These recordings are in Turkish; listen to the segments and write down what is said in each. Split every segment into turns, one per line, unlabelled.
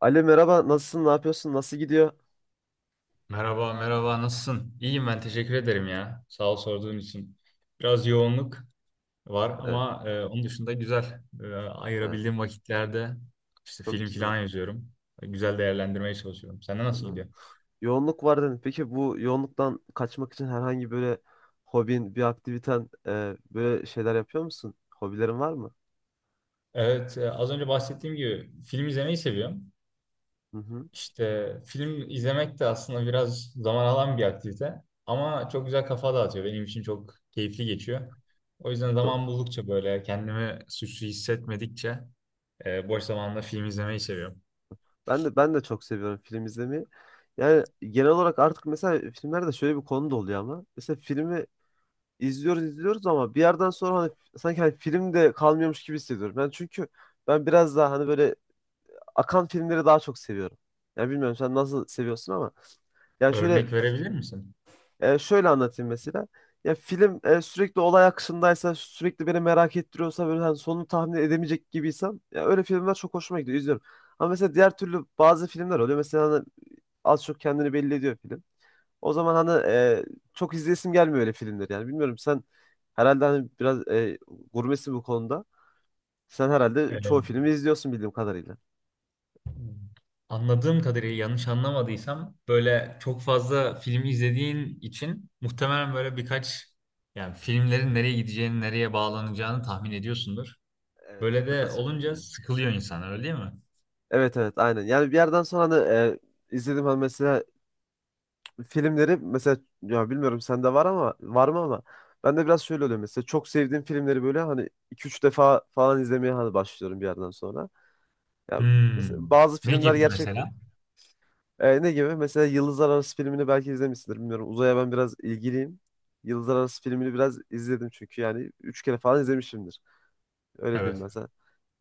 Ali merhaba, nasılsın, ne yapıyorsun, nasıl gidiyor?
Merhaba, merhaba. Nasılsın? İyiyim ben. Teşekkür ederim ya. Sağ ol sorduğun için. Biraz yoğunluk var
Evet,
ama onun dışında güzel.
evet,
Ayırabildiğim vakitlerde işte
çok
film
güzel.
falan yazıyorum. Güzel değerlendirmeye çalışıyorum. Sende nasıl
Anladım.
gidiyor?
Yoğunluk var dedin. Peki bu yoğunluktan kaçmak için herhangi böyle hobin, bir aktiviten, böyle şeyler yapıyor musun? Hobilerin var mı?
Evet, az önce bahsettiğim gibi film izlemeyi seviyorum.
Hı hı.
İşte film izlemek de aslında biraz zaman alan bir aktivite. Ama çok güzel kafa dağıtıyor. Benim için çok keyifli geçiyor. O yüzden
Do-
zaman buldukça böyle kendimi suçlu hissetmedikçe boş zamanında film izlemeyi seviyorum.
ben de çok seviyorum film izlemeyi. Yani genel olarak artık mesela filmlerde şöyle bir konu da oluyor ama mesela filmi izliyoruz ama bir yerden sonra hani sanki hani film de kalmıyormuş gibi hissediyorum. Çünkü ben biraz daha hani böyle akan filmleri daha çok seviyorum. Ya bilmiyorum sen nasıl seviyorsun ama yani şöyle
Örnek verebilir misin?
e, şöyle anlatayım mesela. Ya film sürekli olay akışındaysa, sürekli beni merak ettiriyorsa böyle hani sonunu tahmin edemeyecek gibiysem ya öyle filmler çok hoşuma gidiyor, izliyorum. Ama mesela diğer türlü bazı filmler oluyor. Mesela hani az çok kendini belli ediyor film. O zaman hani çok izleyesim gelmiyor öyle filmleri yani. Bilmiyorum sen herhalde hani biraz gurmesin bu konuda. Sen herhalde çoğu
Ee,
filmi izliyorsun bildiğim kadarıyla.
Anladığım kadarıyla, yanlış anlamadıysam, böyle çok fazla film izlediğin için muhtemelen böyle birkaç, yani filmlerin nereye gideceğini, nereye bağlanacağını tahmin ediyorsundur.
Evet,
Böyle de
birazcık
olunca
öyle.
sıkılıyor insan, öyle değil mi?
Evet evet aynen. Yani bir yerden sonra hani izledim hani mesela filmleri mesela ya bilmiyorum sende var ama var mı ama ben de biraz şöyle oluyor mesela çok sevdiğim filmleri böyle hani iki üç defa falan izlemeye hani başlıyorum bir yerden sonra. Ya
Hmm.
mesela bazı
Ne
filmler
gibi
gerçekten
mesela?
ne gibi? Mesela Yıldızlar Arası filmini belki izlemişsindir bilmiyorum. Uzaya ben biraz ilgiliyim. Yıldızlar Arası filmini biraz izledim çünkü yani 3 kere falan izlemişimdir. Öyle diyeyim
Evet.
ben sana.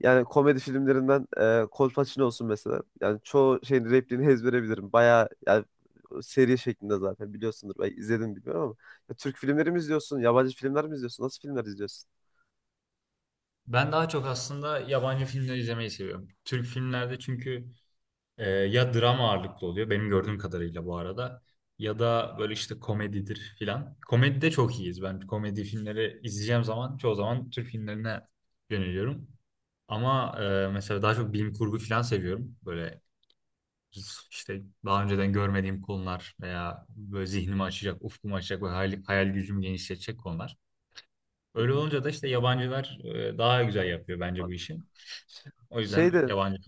Yani komedi filmlerinden Kolpaçino olsun mesela. Yani çoğu şeyin repliğini ezbere bilirim. Bayağı yani seri şeklinde zaten biliyorsundur. Belki izledin bilmiyorum ama. Ya, Türk filmleri mi izliyorsun? Yabancı filmler mi izliyorsun? Nasıl filmler izliyorsun?
Ben daha çok aslında yabancı filmler izlemeyi seviyorum. Türk filmlerde çünkü ya drama ağırlıklı oluyor benim gördüğüm kadarıyla bu arada. Ya da böyle işte komedidir filan. Komedide çok iyiyiz. Ben komedi filmleri izleyeceğim zaman çoğu zaman Türk filmlerine yöneliyorum. Ama mesela daha çok bilim kurgu filan seviyorum. Böyle işte daha önceden görmediğim konular veya böyle zihnimi açacak, ufkumu açacak ve hayal, hayal gücümü genişletecek konular.
Hı
Öyle
hı,
olunca da işte yabancılar daha güzel yapıyor bence bu
anladım.
işi.
Ş-
O
Şey
yüzden
de
yabancı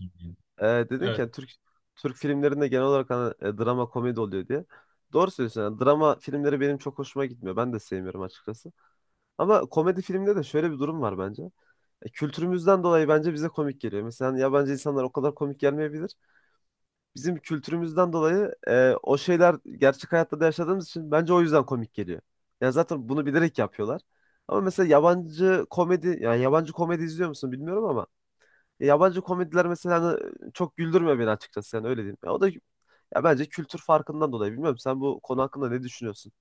e, dedin ki
film.
yani Türk filmlerinde genel olarak hani, drama komedi oluyor diye. Doğru söylüyorsun. Yani drama filmleri benim çok hoşuma gitmiyor. Ben de sevmiyorum açıkçası. Ama komedi filmde de şöyle bir durum var bence. Kültürümüzden dolayı bence bize komik geliyor. Mesela hani yabancı insanlar o kadar komik gelmeyebilir. Bizim kültürümüzden dolayı o şeyler gerçek hayatta da yaşadığımız için bence o yüzden komik geliyor. Yani zaten bunu bilerek yapıyorlar. Ama mesela yabancı komedi, yani yabancı komedi izliyor musun bilmiyorum ama ya yabancı komediler mesela hani çok güldürmüyor beni açıkçası yani öyle diyeyim. Ya o da ya bence kültür farkından dolayı bilmiyorum. Sen bu konu hakkında ne düşünüyorsun?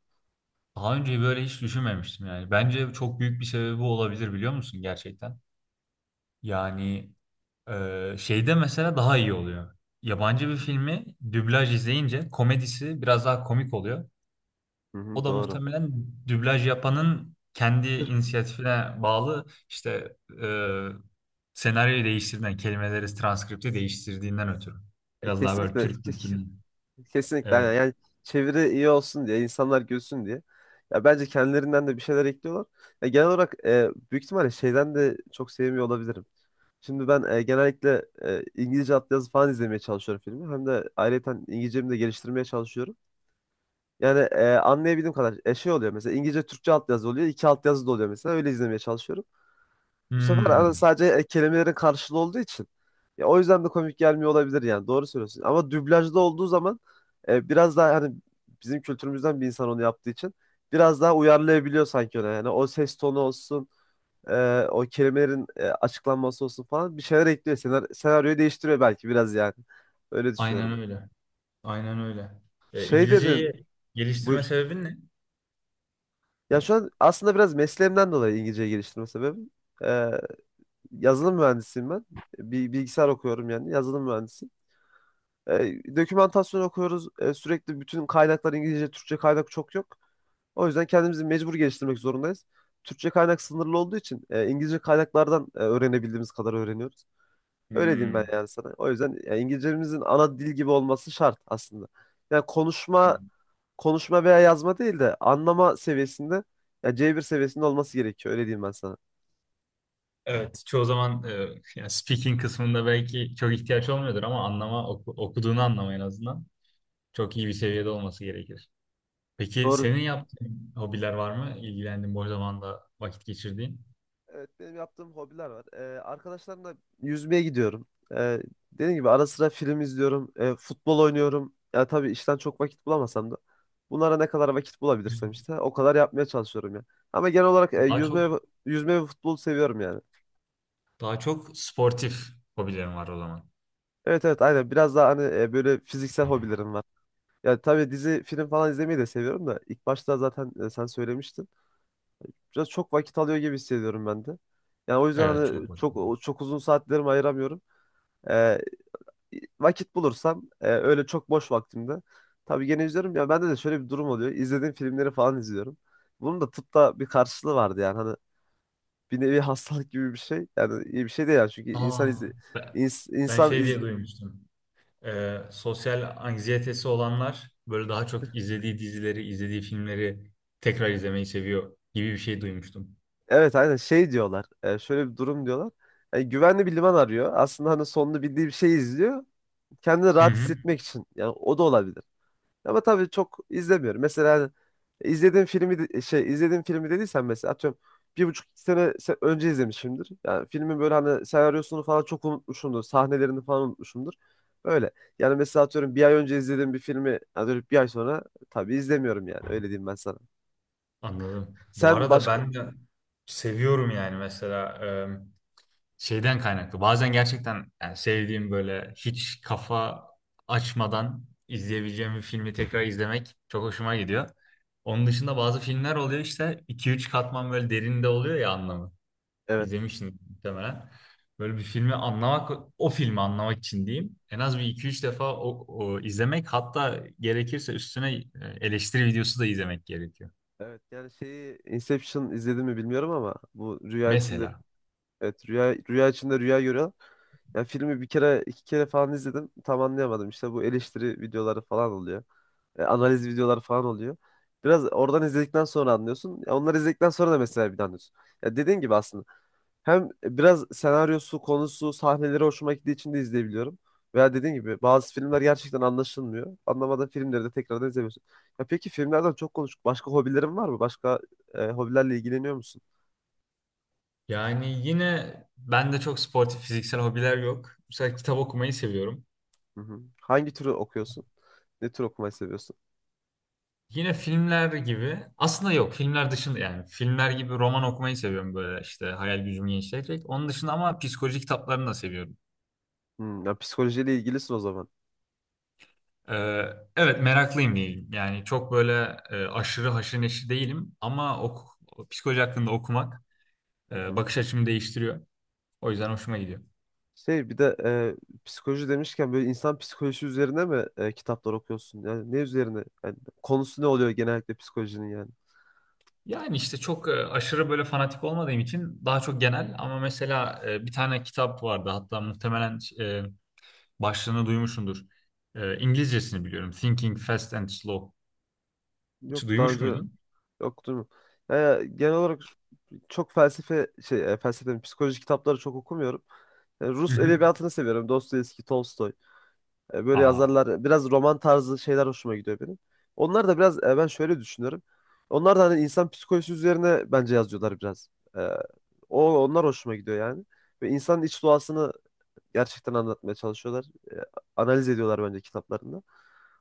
Daha önce böyle hiç düşünmemiştim yani. Bence çok büyük bir sebebi olabilir biliyor musun gerçekten? Yani şeyde mesela daha iyi oluyor. Yabancı bir filmi dublaj izleyince komedisi biraz daha komik oluyor.
Hı
O
hı,
da
doğru.
muhtemelen dublaj yapanın kendi inisiyatifine bağlı işte senaryoyu değiştirdiğinden, kelimeleri, transkripti değiştirdiğinden ötürü.
E,
Biraz daha böyle
kesinlikle
Türk
ke-
kültürünün.
Kesinlikle aynen.
Evet.
Yani çeviri iyi olsun diye, insanlar gülsün diye. Ya bence kendilerinden de bir şeyler ekliyorlar. Ya genel olarak büyük ihtimalle şeyden de çok sevmiyor olabilirim. Şimdi ben genellikle İngilizce altyazı falan izlemeye çalışıyorum filmi. Hem de ayrıca İngilizcemi de geliştirmeye çalışıyorum. Yani anlayabildiğim kadar şey oluyor mesela İngilizce Türkçe altyazı oluyor. İki altyazı da oluyor mesela öyle izlemeye çalışıyorum. Bu sefer
Hmm,
sadece kelimelerin karşılığı olduğu için. Ya o yüzden de komik gelmiyor olabilir yani. Doğru söylüyorsun. Ama dublajda olduğu zaman biraz daha hani bizim kültürümüzden bir insan onu yaptığı için biraz daha uyarlayabiliyor sanki ona. Yani o ses tonu olsun, o kelimelerin açıklanması olsun falan bir şeyler ekliyor. Senaryoyu değiştiriyor belki biraz yani. Öyle düşünüyorum.
aynen öyle. Aynen öyle.
Şey dedin,
İngilizceyi geliştirme
buyur.
sebebin ne?
Ya şu an aslında biraz mesleğimden dolayı İngilizce geliştirme sebebim. E, Yazılım mühendisiyim ben. Bir bilgisayar okuyorum yani yazılım mühendisi. Dokümantasyon okuyoruz. Sürekli bütün kaynaklar İngilizce, Türkçe kaynak çok yok. O yüzden kendimizi mecbur geliştirmek zorundayız. Türkçe kaynak sınırlı olduğu için İngilizce kaynaklardan öğrenebildiğimiz kadar öğreniyoruz. Öyle diyeyim ben
Hmm.
yani sana. O yüzden ya, İngilizcemizin ana dil gibi olması şart aslında. Yani konuşma veya yazma değil de anlama seviyesinde ya C1 seviyesinde olması gerekiyor. Öyle diyeyim ben sana.
Evet, çoğu zaman yani speaking kısmında belki çok ihtiyaç olmuyordur ama anlama okuduğunu anlama en azından çok iyi bir seviyede olması gerekir. Peki
Doğru.
senin yaptığın hobiler var mı? İlgilendiğin boş zamanda vakit geçirdiğin?
Evet benim yaptığım hobiler var. Arkadaşlarımla yüzmeye gidiyorum. Dediğim gibi ara sıra film izliyorum. Futbol oynuyorum. Ya tabii işten çok vakit bulamasam da bunlara ne kadar vakit bulabilirsem işte o kadar yapmaya çalışıyorum ya. Ama genel olarak
Daha çok
yüzme ve futbolu seviyorum yani.
daha çok sportif hobilerim var o zaman.
Evet evet aynen biraz daha hani böyle fiziksel hobilerim var. Yani tabii dizi film falan izlemeyi de seviyorum da ilk başta zaten sen söylemiştin. Biraz çok vakit alıyor gibi hissediyorum ben de. Yani o yüzden
Evet,
hani
çok vakit.
çok çok uzun saatlerimi ayıramıyorum. Ee, Vakit bulursam öyle çok boş vaktimde tabii gene izliyorum ya bende de şöyle bir durum oluyor. İzlediğim filmleri falan izliyorum. Bunun da tıpta bir karşılığı vardı yani hani bir nevi hastalık gibi bir şey. Yani iyi bir şey değil yani çünkü insan
Aa,
izle,
ben,
ins-
ben
insan
şey
iz,
diye duymuştum. Sosyal anksiyetesi olanlar böyle daha çok izlediği dizileri, izlediği filmleri tekrar izlemeyi seviyor gibi bir şey duymuştum.
evet aynen şey diyorlar. Şöyle bir durum diyorlar. Yani güvenli bir liman arıyor. Aslında hani sonunu bildiği bir şey izliyor. Kendini
Hı
rahat
hı.
hissetmek için. Yani o da olabilir. Ama tabii çok izlemiyorum. Mesela şey izlediğim filmi dediysen mesela atıyorum bir buçuk iki önce izlemişimdir. Yani filmin böyle hani senaryosunu falan çok unutmuşumdur. Sahnelerini falan unutmuşumdur. Öyle. Yani mesela atıyorum bir ay önce izlediğim bir filmi yani dönüp bir ay sonra tabii izlemiyorum yani. Öyle diyeyim ben sana.
Anladım. Bu
Sen
arada
başka...
ben de seviyorum yani mesela şeyden kaynaklı. Bazen gerçekten yani sevdiğim böyle hiç kafa açmadan izleyebileceğim bir filmi tekrar izlemek çok hoşuma gidiyor. Onun dışında bazı filmler oluyor işte iki üç katman böyle derinde oluyor ya anlamı.
Evet.
İzlemişsin muhtemelen. Böyle bir filmi anlamak, o filmi anlamak için diyeyim. En az bir iki üç defa o izlemek, hatta gerekirse üstüne eleştiri videosu da izlemek gerekiyor.
Evet yani şeyi Inception izledin mi bilmiyorum ama bu rüya içinde.
Mesela.
Evet rüya içinde rüya görüyorlar. Ya filmi bir kere iki kere falan izledim. Tam anlayamadım. İşte bu eleştiri videoları falan oluyor. Analiz videoları falan oluyor. Biraz oradan izledikten sonra anlıyorsun. Ya onları izledikten sonra da mesela bir de anlıyorsun. Ya dediğin gibi aslında hem biraz senaryosu, konusu, sahneleri hoşuma gittiği için de izleyebiliyorum. Veya dediğin gibi bazı filmler gerçekten anlaşılmıyor. Anlamadığın filmleri de tekrardan izlemiyorsun. Ya peki filmlerden çok konuştuk. Başka hobilerin var mı? Başka hobilerle ilgileniyor musun?
Yani yine bende çok sportif fiziksel hobiler yok. Mesela kitap okumayı seviyorum.
Hı hı. Hangi türü okuyorsun? Ne tür okumayı seviyorsun?
Yine filmler gibi aslında, yok, filmler dışında yani filmler gibi roman okumayı seviyorum böyle işte hayal gücümü genişletecek. Onun dışında ama psikoloji kitaplarını da seviyorum.
Hmm, ya psikolojiyle ilgilisin o zaman.
Ee, evet, meraklıyım diyeyim. Yani çok böyle aşırı haşır neşir değilim ama psikoloji hakkında okumak
Hı hı.
bakış açımı değiştiriyor. O yüzden hoşuma gidiyor.
Şey bir de psikoloji demişken böyle insan psikolojisi üzerine mi kitaplar okuyorsun? Yani ne üzerine? Yani konusu ne oluyor genellikle psikolojinin yani?
Yani işte çok aşırı böyle fanatik olmadığım için daha çok genel ama mesela bir tane kitap vardı hatta muhtemelen başlığını duymuşsundur. İngilizcesini biliyorum. Thinking Fast and Slow. Hiç
Yok daha
duymuş
önce
muydun?
okudum mu? Ya genel olarak çok felsefe mi, psikoloji kitapları çok okumuyorum. Yani
Hı
Rus
hı.
edebiyatını seviyorum. Dostoyevski, Tolstoy. Böyle
Aa,
yazarlar biraz roman tarzı şeyler hoşuma gidiyor benim. Onlar da biraz ben şöyle düşünüyorum. Onlar da hani insan psikolojisi üzerine bence yazıyorlar biraz. E, o Onlar hoşuma gidiyor yani. Ve insanın iç doğasını gerçekten anlatmaya çalışıyorlar. E, Analiz ediyorlar bence kitaplarında.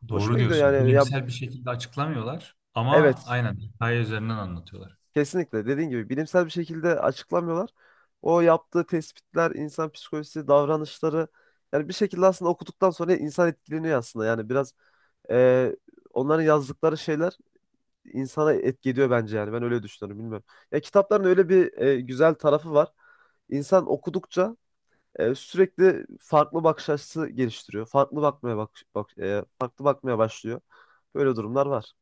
doğru
Hoşuma gidiyor
diyorsun.
yani. Ya
Bilimsel bir şekilde açıklamıyorlar ama
evet,
aynen hikaye üzerinden anlatıyorlar.
kesinlikle dediğin gibi bilimsel bir şekilde açıklamıyorlar. O yaptığı tespitler, insan psikolojisi, davranışları yani bir şekilde aslında okuduktan sonra insan etkileniyor aslında. Yani biraz Ee, onların yazdıkları şeyler insana etki ediyor bence yani. Ben öyle düşünüyorum bilmiyorum. Ya kitapların öyle bir güzel tarafı var. İnsan okudukça sürekli farklı bakış açısı geliştiriyor. Farklı bakmaya bak, bak e, farklı bakmaya başlıyor. Böyle durumlar var.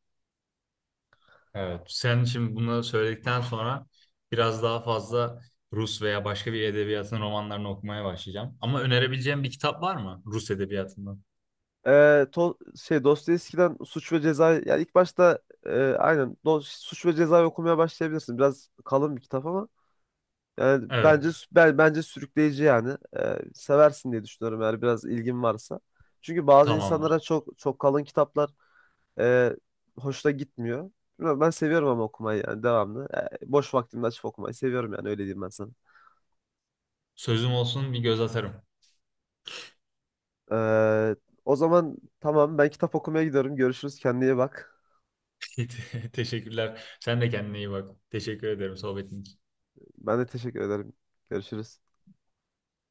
Evet. Sen şimdi bunları söyledikten sonra biraz daha fazla Rus veya başka bir edebiyatın romanlarını okumaya başlayacağım. Ama önerebileceğim bir kitap var mı Rus edebiyatından?
Şey Dostoyevski'den Suç ve Ceza yani ilk başta Suç ve Ceza'yı okumaya başlayabilirsin. Biraz kalın bir kitap ama yani
Evet,
bence bence sürükleyici yani. Seversin diye düşünüyorum eğer biraz ilgin varsa. Çünkü bazı insanlara
tamamdır.
çok çok kalın kitaplar e, hoşuna gitmiyor. Bilmiyorum, ben seviyorum ama okumayı yani devamlı. Boş vaktimde açıp okumayı seviyorum yani öyle diyeyim ben sana.
Sözüm olsun bir göz atarım.
Ee, O zaman tamam ben kitap okumaya gidiyorum. Görüşürüz, kendine iyi bak.
Teşekkürler. Sen de kendine iyi bak. Teşekkür ederim sohbetin için.
Ben de teşekkür ederim. Görüşürüz.